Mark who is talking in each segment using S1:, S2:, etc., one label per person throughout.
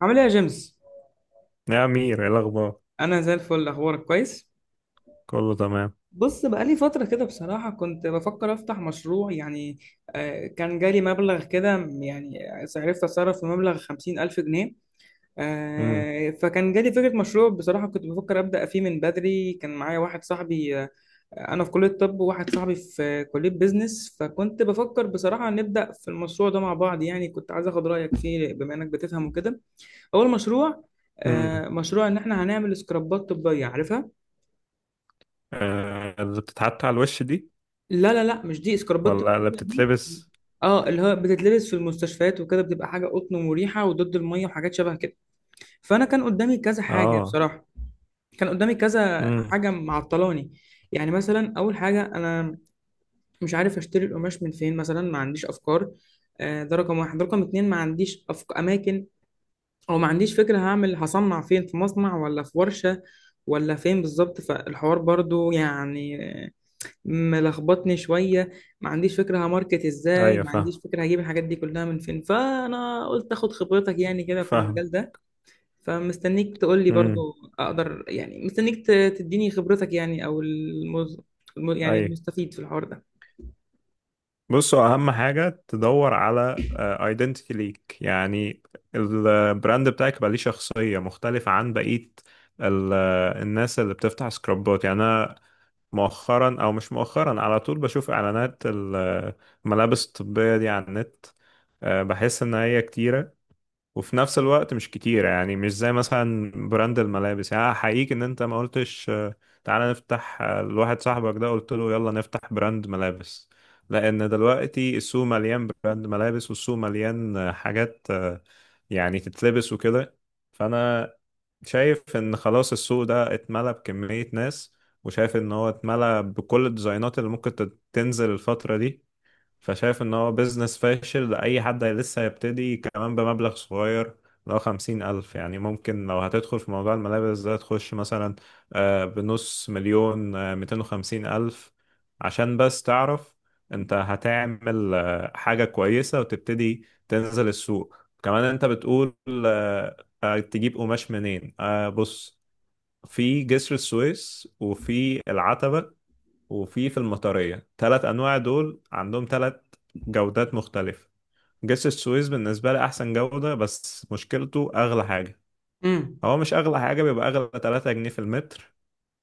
S1: عامل ايه يا جيمس؟
S2: يا أمير، إيه الأخبار؟
S1: انا زي الفل، اخبارك كويس؟
S2: كله تمام.
S1: بص، بقالي فتره كده بصراحه كنت بفكر افتح مشروع، يعني كان جالي مبلغ كده، يعني عرفت اتصرف في مبلغ 50,000 جنيه.
S2: امم.
S1: فكان جالي فكره مشروع. بصراحه كنت بفكر ابدا فيه من بدري. كان معايا واحد صاحبي، انا في كليه طب وواحد صاحبي في كليه بيزنس، فكنت بفكر بصراحه نبدا في المشروع ده مع بعض، يعني كنت عايز اخد رايك فيه بما انك بتفهم وكده. اول مشروع.
S2: امم.
S1: مشروع ان احنا هنعمل سكرابات طبيه، عارفها؟
S2: آه، اللي بتتحط على الوش دي؟
S1: لا لا لا، مش دي. اسكربات
S2: ولا اللي
S1: البدله دي،
S2: بتتلبس؟
S1: اه اللي هو بتتلبس في المستشفيات وكده، بتبقى حاجه قطن ومريحه وضد الميه وحاجات شبه كده. فانا كان قدامي كذا حاجه
S2: اه.
S1: بصراحه. كان قدامي كذا
S2: امم.
S1: حاجه معطلاني. يعني مثلا، اول حاجه، انا مش عارف اشتري القماش من فين مثلا، ما عنديش افكار. ده رقم واحد. ده رقم اتنين، ما عنديش اماكن. او ما عنديش فكره هعمل هصنع فين، في مصنع ولا في ورشه ولا فين بالظبط. فالحوار برضو يعني ملخبطني شوية. ما عنديش فكرة هماركت ازاي،
S2: أيوة،
S1: ما
S2: فاهم
S1: عنديش فكرة هجيب الحاجات دي كلها من فين. فأنا قلت اخد خبرتك يعني كده في
S2: فاهم.
S1: المجال ده. فمستنيك تقول لي برضو.
S2: امم.
S1: اقدر يعني، تديني خبرتك يعني، يعني
S2: أيوة.
S1: المستفيد في الحوار ده.
S2: بصوا، أهم حاجة تدور على ايدنتيتي ليك يعني. البراند بتاعك يبقى ليه شخصية مختلفة عن بقية ال- الناس اللي بتفتح سكرابات. يعني أنا مؤخرا، أو مش مؤخرا، على طول بشوف إعلانات الملابس الطبية دي على النت. بحس ان هي كتيرة، وفي نفس الوقت مش كتيرة. يعني مش زي مثلا براند الملابس. يعني احييك ان انت ما قلتش تعالى نفتح، لواحد صاحبك ده قلت له يلا نفتح براند ملابس، لان دلوقتي السوق مليان براند ملابس، والسوق مليان حاجات يعني تتلبس وكده. فانا شايف ان خلاص السوق ده اتملى بكمية ناس، وشايف ان هو اتملى بكل الديزاينات اللي ممكن تنزل الفترة دي. فشايف ان هو بيزنس فاشل لأي حد لسه هيبتدي، كمان بمبلغ صغير. لو 50,000 يعني، ممكن لو هتدخل في موضوع الملابس ده تخش مثلا بنص مليون، 250,000، عشان بس تعرف انت هتعمل حاجة كويسة وتبتدي تنزل السوق. كمان انت بتقول آه، تجيب قماش منين. بص، في جسر السويس، وفي العتبة، وفي المطرية. تلات أنواع، دول عندهم تلات جودات مختلفة. جسر السويس بالنسبة لي أحسن جودة، بس مشكلته أغلى حاجة.
S1: امم.
S2: هو مش أغلى حاجة، بيبقى أغلى تلاتة جنيه في المتر،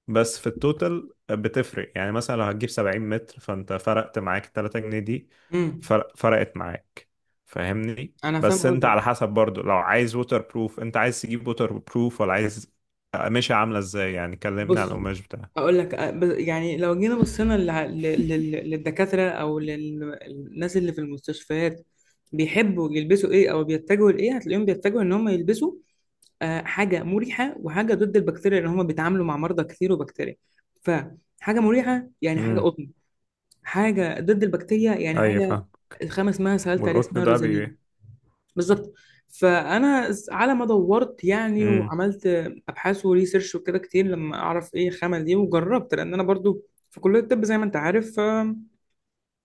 S2: بس في التوتال بتفرق. يعني مثلا لو هتجيب 70 متر، فأنت فرقت معاك التلاتة جنيه دي،
S1: امم.
S2: فرقت معاك. فاهمني؟
S1: انا فاهم
S2: بس أنت
S1: قصدك.
S2: على حسب برضو، لو عايز ووتر بروف، أنت عايز تجيب ووتر بروف ولا عايز قماشة عاملة إزاي؟ يعني كلمني عن
S1: بص،
S2: القماش بتاعها.
S1: هقول لك يعني لو جينا بصينا للدكاترة او للناس اللي في المستشفيات، بيحبوا يلبسوا ايه او بيتجهوا لايه؟ هتلاقيهم بيتجهوا ان هم يلبسوا حاجه مريحه وحاجه ضد البكتيريا، اللي هم بيتعاملوا مع مرضى كتير وبكتيريا. فحاجه مريحه يعني حاجه
S2: امم.
S1: قطن. حاجه ضد البكتيريا يعني
S2: أيوة،
S1: حاجه،
S2: فاهم.
S1: الخامه اسمها، سالت عليها، اسمها
S2: والقطن ده.
S1: روزالين. بالظبط. على ما دورت يعني،
S2: امم.
S1: وعملت ابحاث وريسيرش وكده كتير لما اعرف ايه الخامه دي، وجربت لان انا برضو في كليه الطب زي ما انت عارف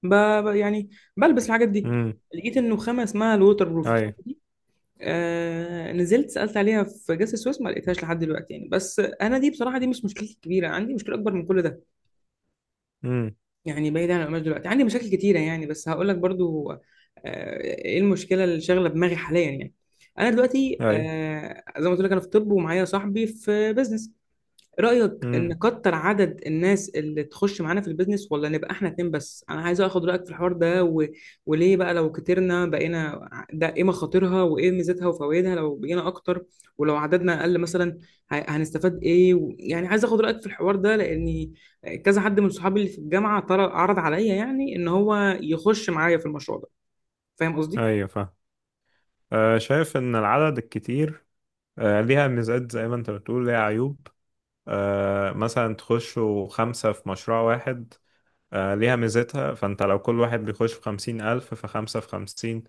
S1: ب يعني بلبس الحاجات دي.
S2: امم.
S1: لقيت انه خامه اسمها الووتر بروف.
S2: اي.
S1: آه، نزلت سألت عليها في جسر السويس، ما لقيتهاش لحد دلوقتي يعني. بس انا دي بصراحة، دي مش مشكلتي الكبيرة. عندي مشكلة اكبر من كل ده.
S2: امم.
S1: يعني بعيد عن القماش دلوقتي، عندي مشاكل كتيرة يعني. بس هقول لك برضو، آه، ايه المشكلة اللي شاغلة دماغي حاليا يعني. انا دلوقتي،
S2: اي.
S1: آه، زي ما قلت لك، انا في طب ومعايا صاحبي في بزنس. رأيك
S2: امم.
S1: نكتر عدد الناس اللي تخش معانا في البيزنس، ولا نبقى احنا اتنين بس؟ انا عايز اخد رأيك في الحوار ده، وليه بقى لو كترنا، ده ايه مخاطرها وايه ميزتها وفوائدها لو بقينا اكتر، ولو عددنا اقل مثلا. هنستفاد ايه يعني عايز اخد رأيك في الحوار ده، لاني كذا حد من صحابي اللي في الجامعة عرض عليا يعني ان هو يخش معايا في المشروع ده. فاهم قصدي؟
S2: ايوه، فاهم. آه، شايف ان العدد الكتير ليها ميزات، زي ما انت بتقول ليها عيوب. مثلا تخشوا خمسة في مشروع واحد، ليها ميزتها. فانت لو كل واحد بيخش بخمسين ألف، فخمسة في خمسين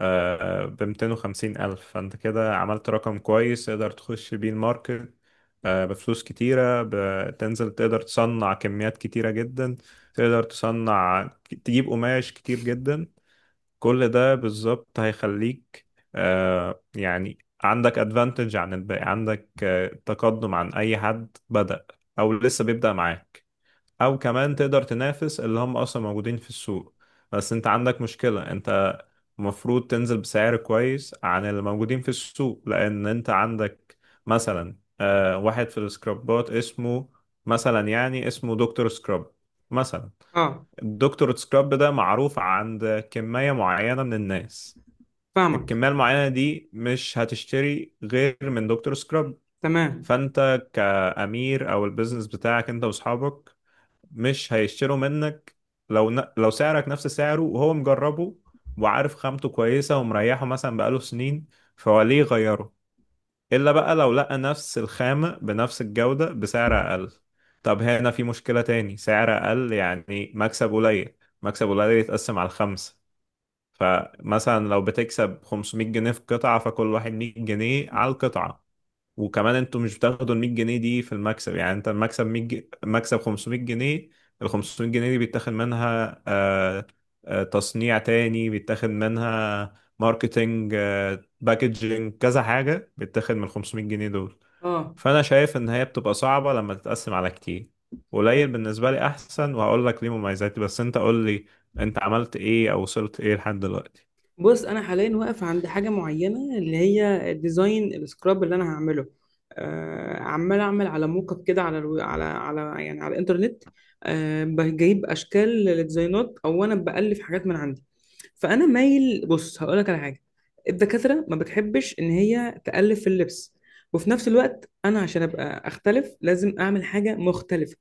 S2: ب250,000، فانت كده عملت رقم كويس تقدر تخش بيه الماركت بفلوس كتيرة. بتنزل تقدر تصنع كميات كتيرة جدا، تقدر تصنع، تجيب قماش كتير جدا. كل ده بالظبط هيخليك يعني عندك ادفانتج عن الباقي، عندك تقدم عن أي حد بدأ أو لسه بيبدأ معاك. او كمان تقدر تنافس اللي هم اصلا موجودين في السوق. بس انت عندك مشكلة، انت المفروض تنزل بسعر كويس عن اللي موجودين في السوق، لان انت عندك مثلا واحد في السكرابات اسمه مثلا، يعني اسمه دكتور سكراب مثلا.
S1: اه،
S2: الدكتور سكراب ده معروف عند كمية معينة من الناس.
S1: فاهمك.
S2: الكمية المعينة دي مش هتشتري غير من دكتور سكراب.
S1: تمام.
S2: فانت كأمير، او البيزنس بتاعك انت واصحابك، مش هيشتروا منك. لو سعرك نفس سعره، وهو مجربه وعارف خامته كويسة ومريحه مثلا بقاله سنين، فهو ليه يغيره؟ إلا بقى لو لقى نفس الخامة بنفس الجودة بسعر أقل. طب هنا في مشكلة تاني، سعر أقل يعني مكسب قليل، مكسب قليل يتقسم على الخمسة. فمثلا لو بتكسب 500 جنيه في قطعة، فكل واحد 100 جنيه على القطعة. وكمان انتوا مش بتاخدوا ال 100 جنيه دي في المكسب، يعني انت المكسب 100 جنيه، مكسب 500 جنيه. ال 500 جنيه دي بيتاخد منها تصنيع، تاني بيتاخد منها ماركتينج، باكجينج، كذا حاجة بيتاخد من ال 500 جنيه دول.
S1: اه،
S2: فأنا شايف إن هي بتبقى صعبة لما تتقسم على كتير. قليل بالنسبة لي أحسن، وهقول لك ليه مميزاتي. بس أنت قول لي، أنت عملت إيه أو وصلت إيه لحد دلوقتي؟
S1: بص، انا حاليا واقف عند حاجه معينه، اللي هي ديزاين السكراب اللي انا هعمله. آه، عمال اعمل على موك اب كده على يعني على الانترنت. آه، جايب اشكال للديزاينات، او انا بألف حاجات من عندي. فانا مايل، بص هقول لك على حاجه. الدكاتره ما بتحبش ان هي تالف في اللبس، وفي نفس الوقت انا عشان ابقى اختلف لازم اعمل حاجه مختلفه.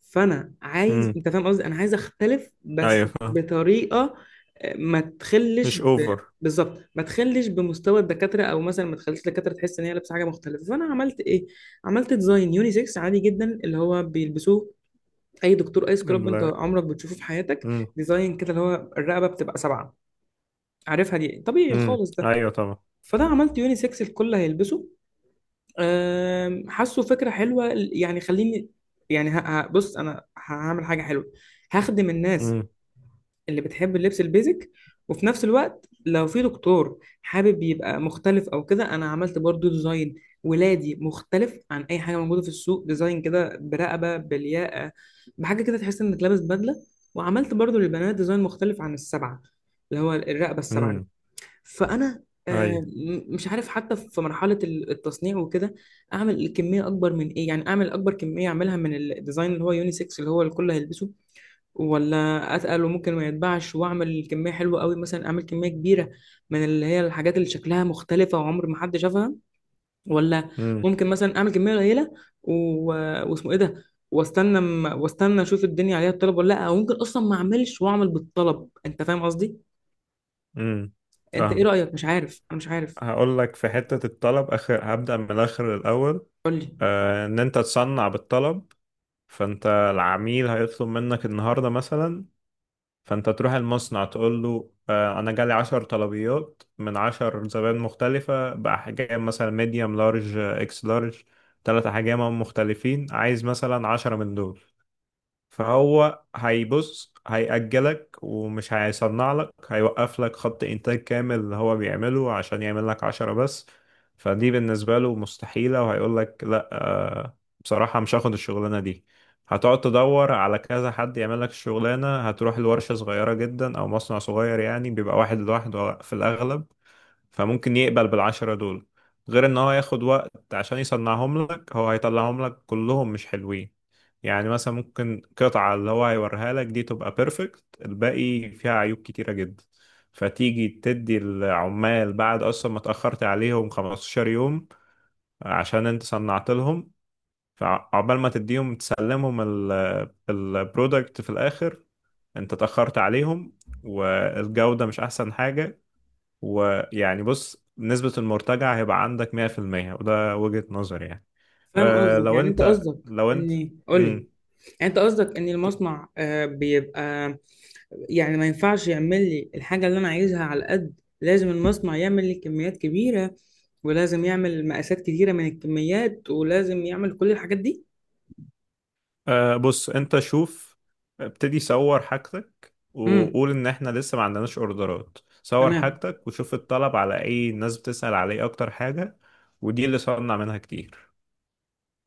S1: فانا عايز،
S2: امم.
S1: انت فاهم قصدي، انا عايز اختلف
S2: أيوه،
S1: بس
S2: فاهم.
S1: بطريقه آه، ما تخلش
S2: مش
S1: ب...
S2: أوفر.
S1: بالظبط. ما تخلش بمستوى الدكاتره، او مثلا ما تخليش الدكاتره تحس ان هي لابسه حاجه مختلفه. فانا عملت ايه؟ عملت ديزاين يونيسكس عادي جدا، اللي هو بيلبسوه اي دكتور، اي سكراب انت
S2: ال
S1: عمرك بتشوفه في حياتك.
S2: امم.
S1: ديزاين كده اللي هو الرقبه بتبقى سبعه، عارفها دي؟ طبيعي
S2: امم.
S1: خالص ده.
S2: أيوه، طبعا.
S1: فانا عملت يونيسكس، الكل هيلبسه. حاسه فكره حلوه يعني. خليني يعني، بص، انا هعمل حاجه حلوه، هخدم الناس
S2: امم.
S1: اللي بتحب اللبس البيزك. وفي نفس الوقت لو في دكتور حابب يبقى مختلف او كده، انا عملت برضو ديزاين ولادي مختلف عن اي حاجه موجوده في السوق. ديزاين كده برقبه بالياقه، بحاجه كده تحس انك لابس بدله. وعملت برضو للبنات ديزاين مختلف عن السبعه، اللي هو الرقبه السبعه.
S2: امم.
S1: فانا
S2: ايوه.
S1: مش عارف حتى في مرحله التصنيع وكده اعمل كميه اكبر من ايه. يعني اعمل اكبر كميه اعملها من الديزاين اللي هو يونيسكس اللي هو الكل هيلبسه، ولا اتقل وممكن ما يتباعش، واعمل كميه حلوه قوي مثلا، اعمل كميه كبيره من اللي هي الحاجات اللي شكلها مختلفه وعمر ما حد شافها، ولا
S2: امم.
S1: ممكن مثلا اعمل كميه قليله و... واسمه ايه ده، واستنى اشوف الدنيا عليها الطلب ولا لا. او ممكن اصلا ما اعملش واعمل بالطلب. انت فاهم قصدي؟
S2: امم.
S1: انت ايه
S2: فاهم.
S1: رايك؟ مش عارف، انا مش عارف.
S2: هقول لك في حتة الطلب اخر، هبدأ من الاخر الاول.
S1: قول لي.
S2: آه، ان انت تصنع بالطلب. فانت العميل هيطلب منك النهاردة مثلا، فانت تروح المصنع تقول له آه، انا جالي عشر طلبيات من عشر زبائن مختلفة، بأحجام مثلا ميديوم لارج اكس لارج، تلات احجام مختلفين، عايز مثلا عشرة من دول. فهو هيبص هيأجلك، ومش هيصنع لك، هيوقف لك خط إنتاج كامل اللي هو بيعمله عشان يعمل لك عشرة بس. فدي بالنسبة له مستحيلة، وهيقول لك لا بصراحة مش هاخد الشغلانة دي. هتقعد تدور على كذا حد يعمل لك الشغلانة، هتروح لورشة صغيرة جدا أو مصنع صغير، يعني بيبقى واحد لوحده في الأغلب. فممكن يقبل بالعشرة دول، غير ان هو ياخد وقت عشان يصنعهم لك. هو هيطلعهم لك كلهم مش حلوين، يعني مثلا ممكن قطعة اللي هو هيوريها لك دي تبقى بيرفكت، الباقي فيها عيوب كتيرة جدا. فتيجي تدي العمال بعد اصلا ما اتأخرت عليهم 15 يوم عشان انت صنعت لهم. فعقبال ما تديهم تسلمهم البرودكت في الاخر، انت اتأخرت عليهم، والجودة مش احسن حاجة. ويعني بص، نسبة المرتجع هيبقى عندك 100%، وده وجهة نظري يعني.
S1: فاهم
S2: أه
S1: قصدك.
S2: لو
S1: يعني انت
S2: انت
S1: قصدك
S2: لو انت
S1: اني قول لي،
S2: مم.
S1: يعني انت قصدك ان
S2: ك-
S1: المصنع بيبقى يعني ما ينفعش يعمل لي الحاجه اللي انا عايزها على قد، لازم المصنع يعمل لي كميات كبيره، ولازم يعمل مقاسات كتيره من الكميات، ولازم يعمل كل الحاجات دي.
S2: أه بص انت شوف، ابتدي صور حاجتك،
S1: امم.
S2: وقول ان احنا لسه ما عندناش اوردرات. صور
S1: تمام.
S2: حاجتك وشوف الطلب، على اي الناس بتسأل عليه اكتر حاجة، ودي اللي صنع منها كتير.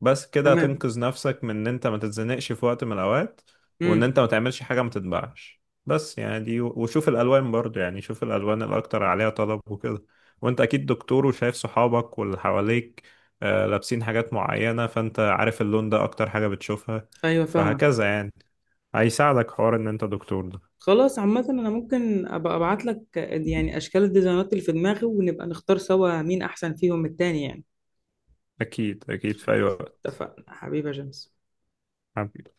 S2: بس كده
S1: تمام.
S2: هتنقذ نفسك من ان انت ما تتزنقش في وقت من الاوقات، وان
S1: امم.
S2: انت ما تعملش حاجة ما تتباعش. بس يعني دي. وشوف الالوان برضو، يعني شوف الالوان الاكتر عليها طلب وكده. وانت اكيد دكتور، وشايف صحابك واللي حواليك لابسين حاجات معينة. فانت عارف اللون ده اكتر حاجة بتشوفها،
S1: ايوه، فاهمك.
S2: فهكذا يعني، هيساعدك حوار ان انت دكتور ده.
S1: خلاص، عامه انا ممكن ابقى ابعت لك يعني اشكال الديزاينات اللي في دماغي، ونبقى نختار سوا مين احسن فيهم التاني يعني.
S2: اكيد اكيد، في اي
S1: خلاص،
S2: وقت.
S1: اتفقنا حبيبي يا جيمس.
S2: حبيبي.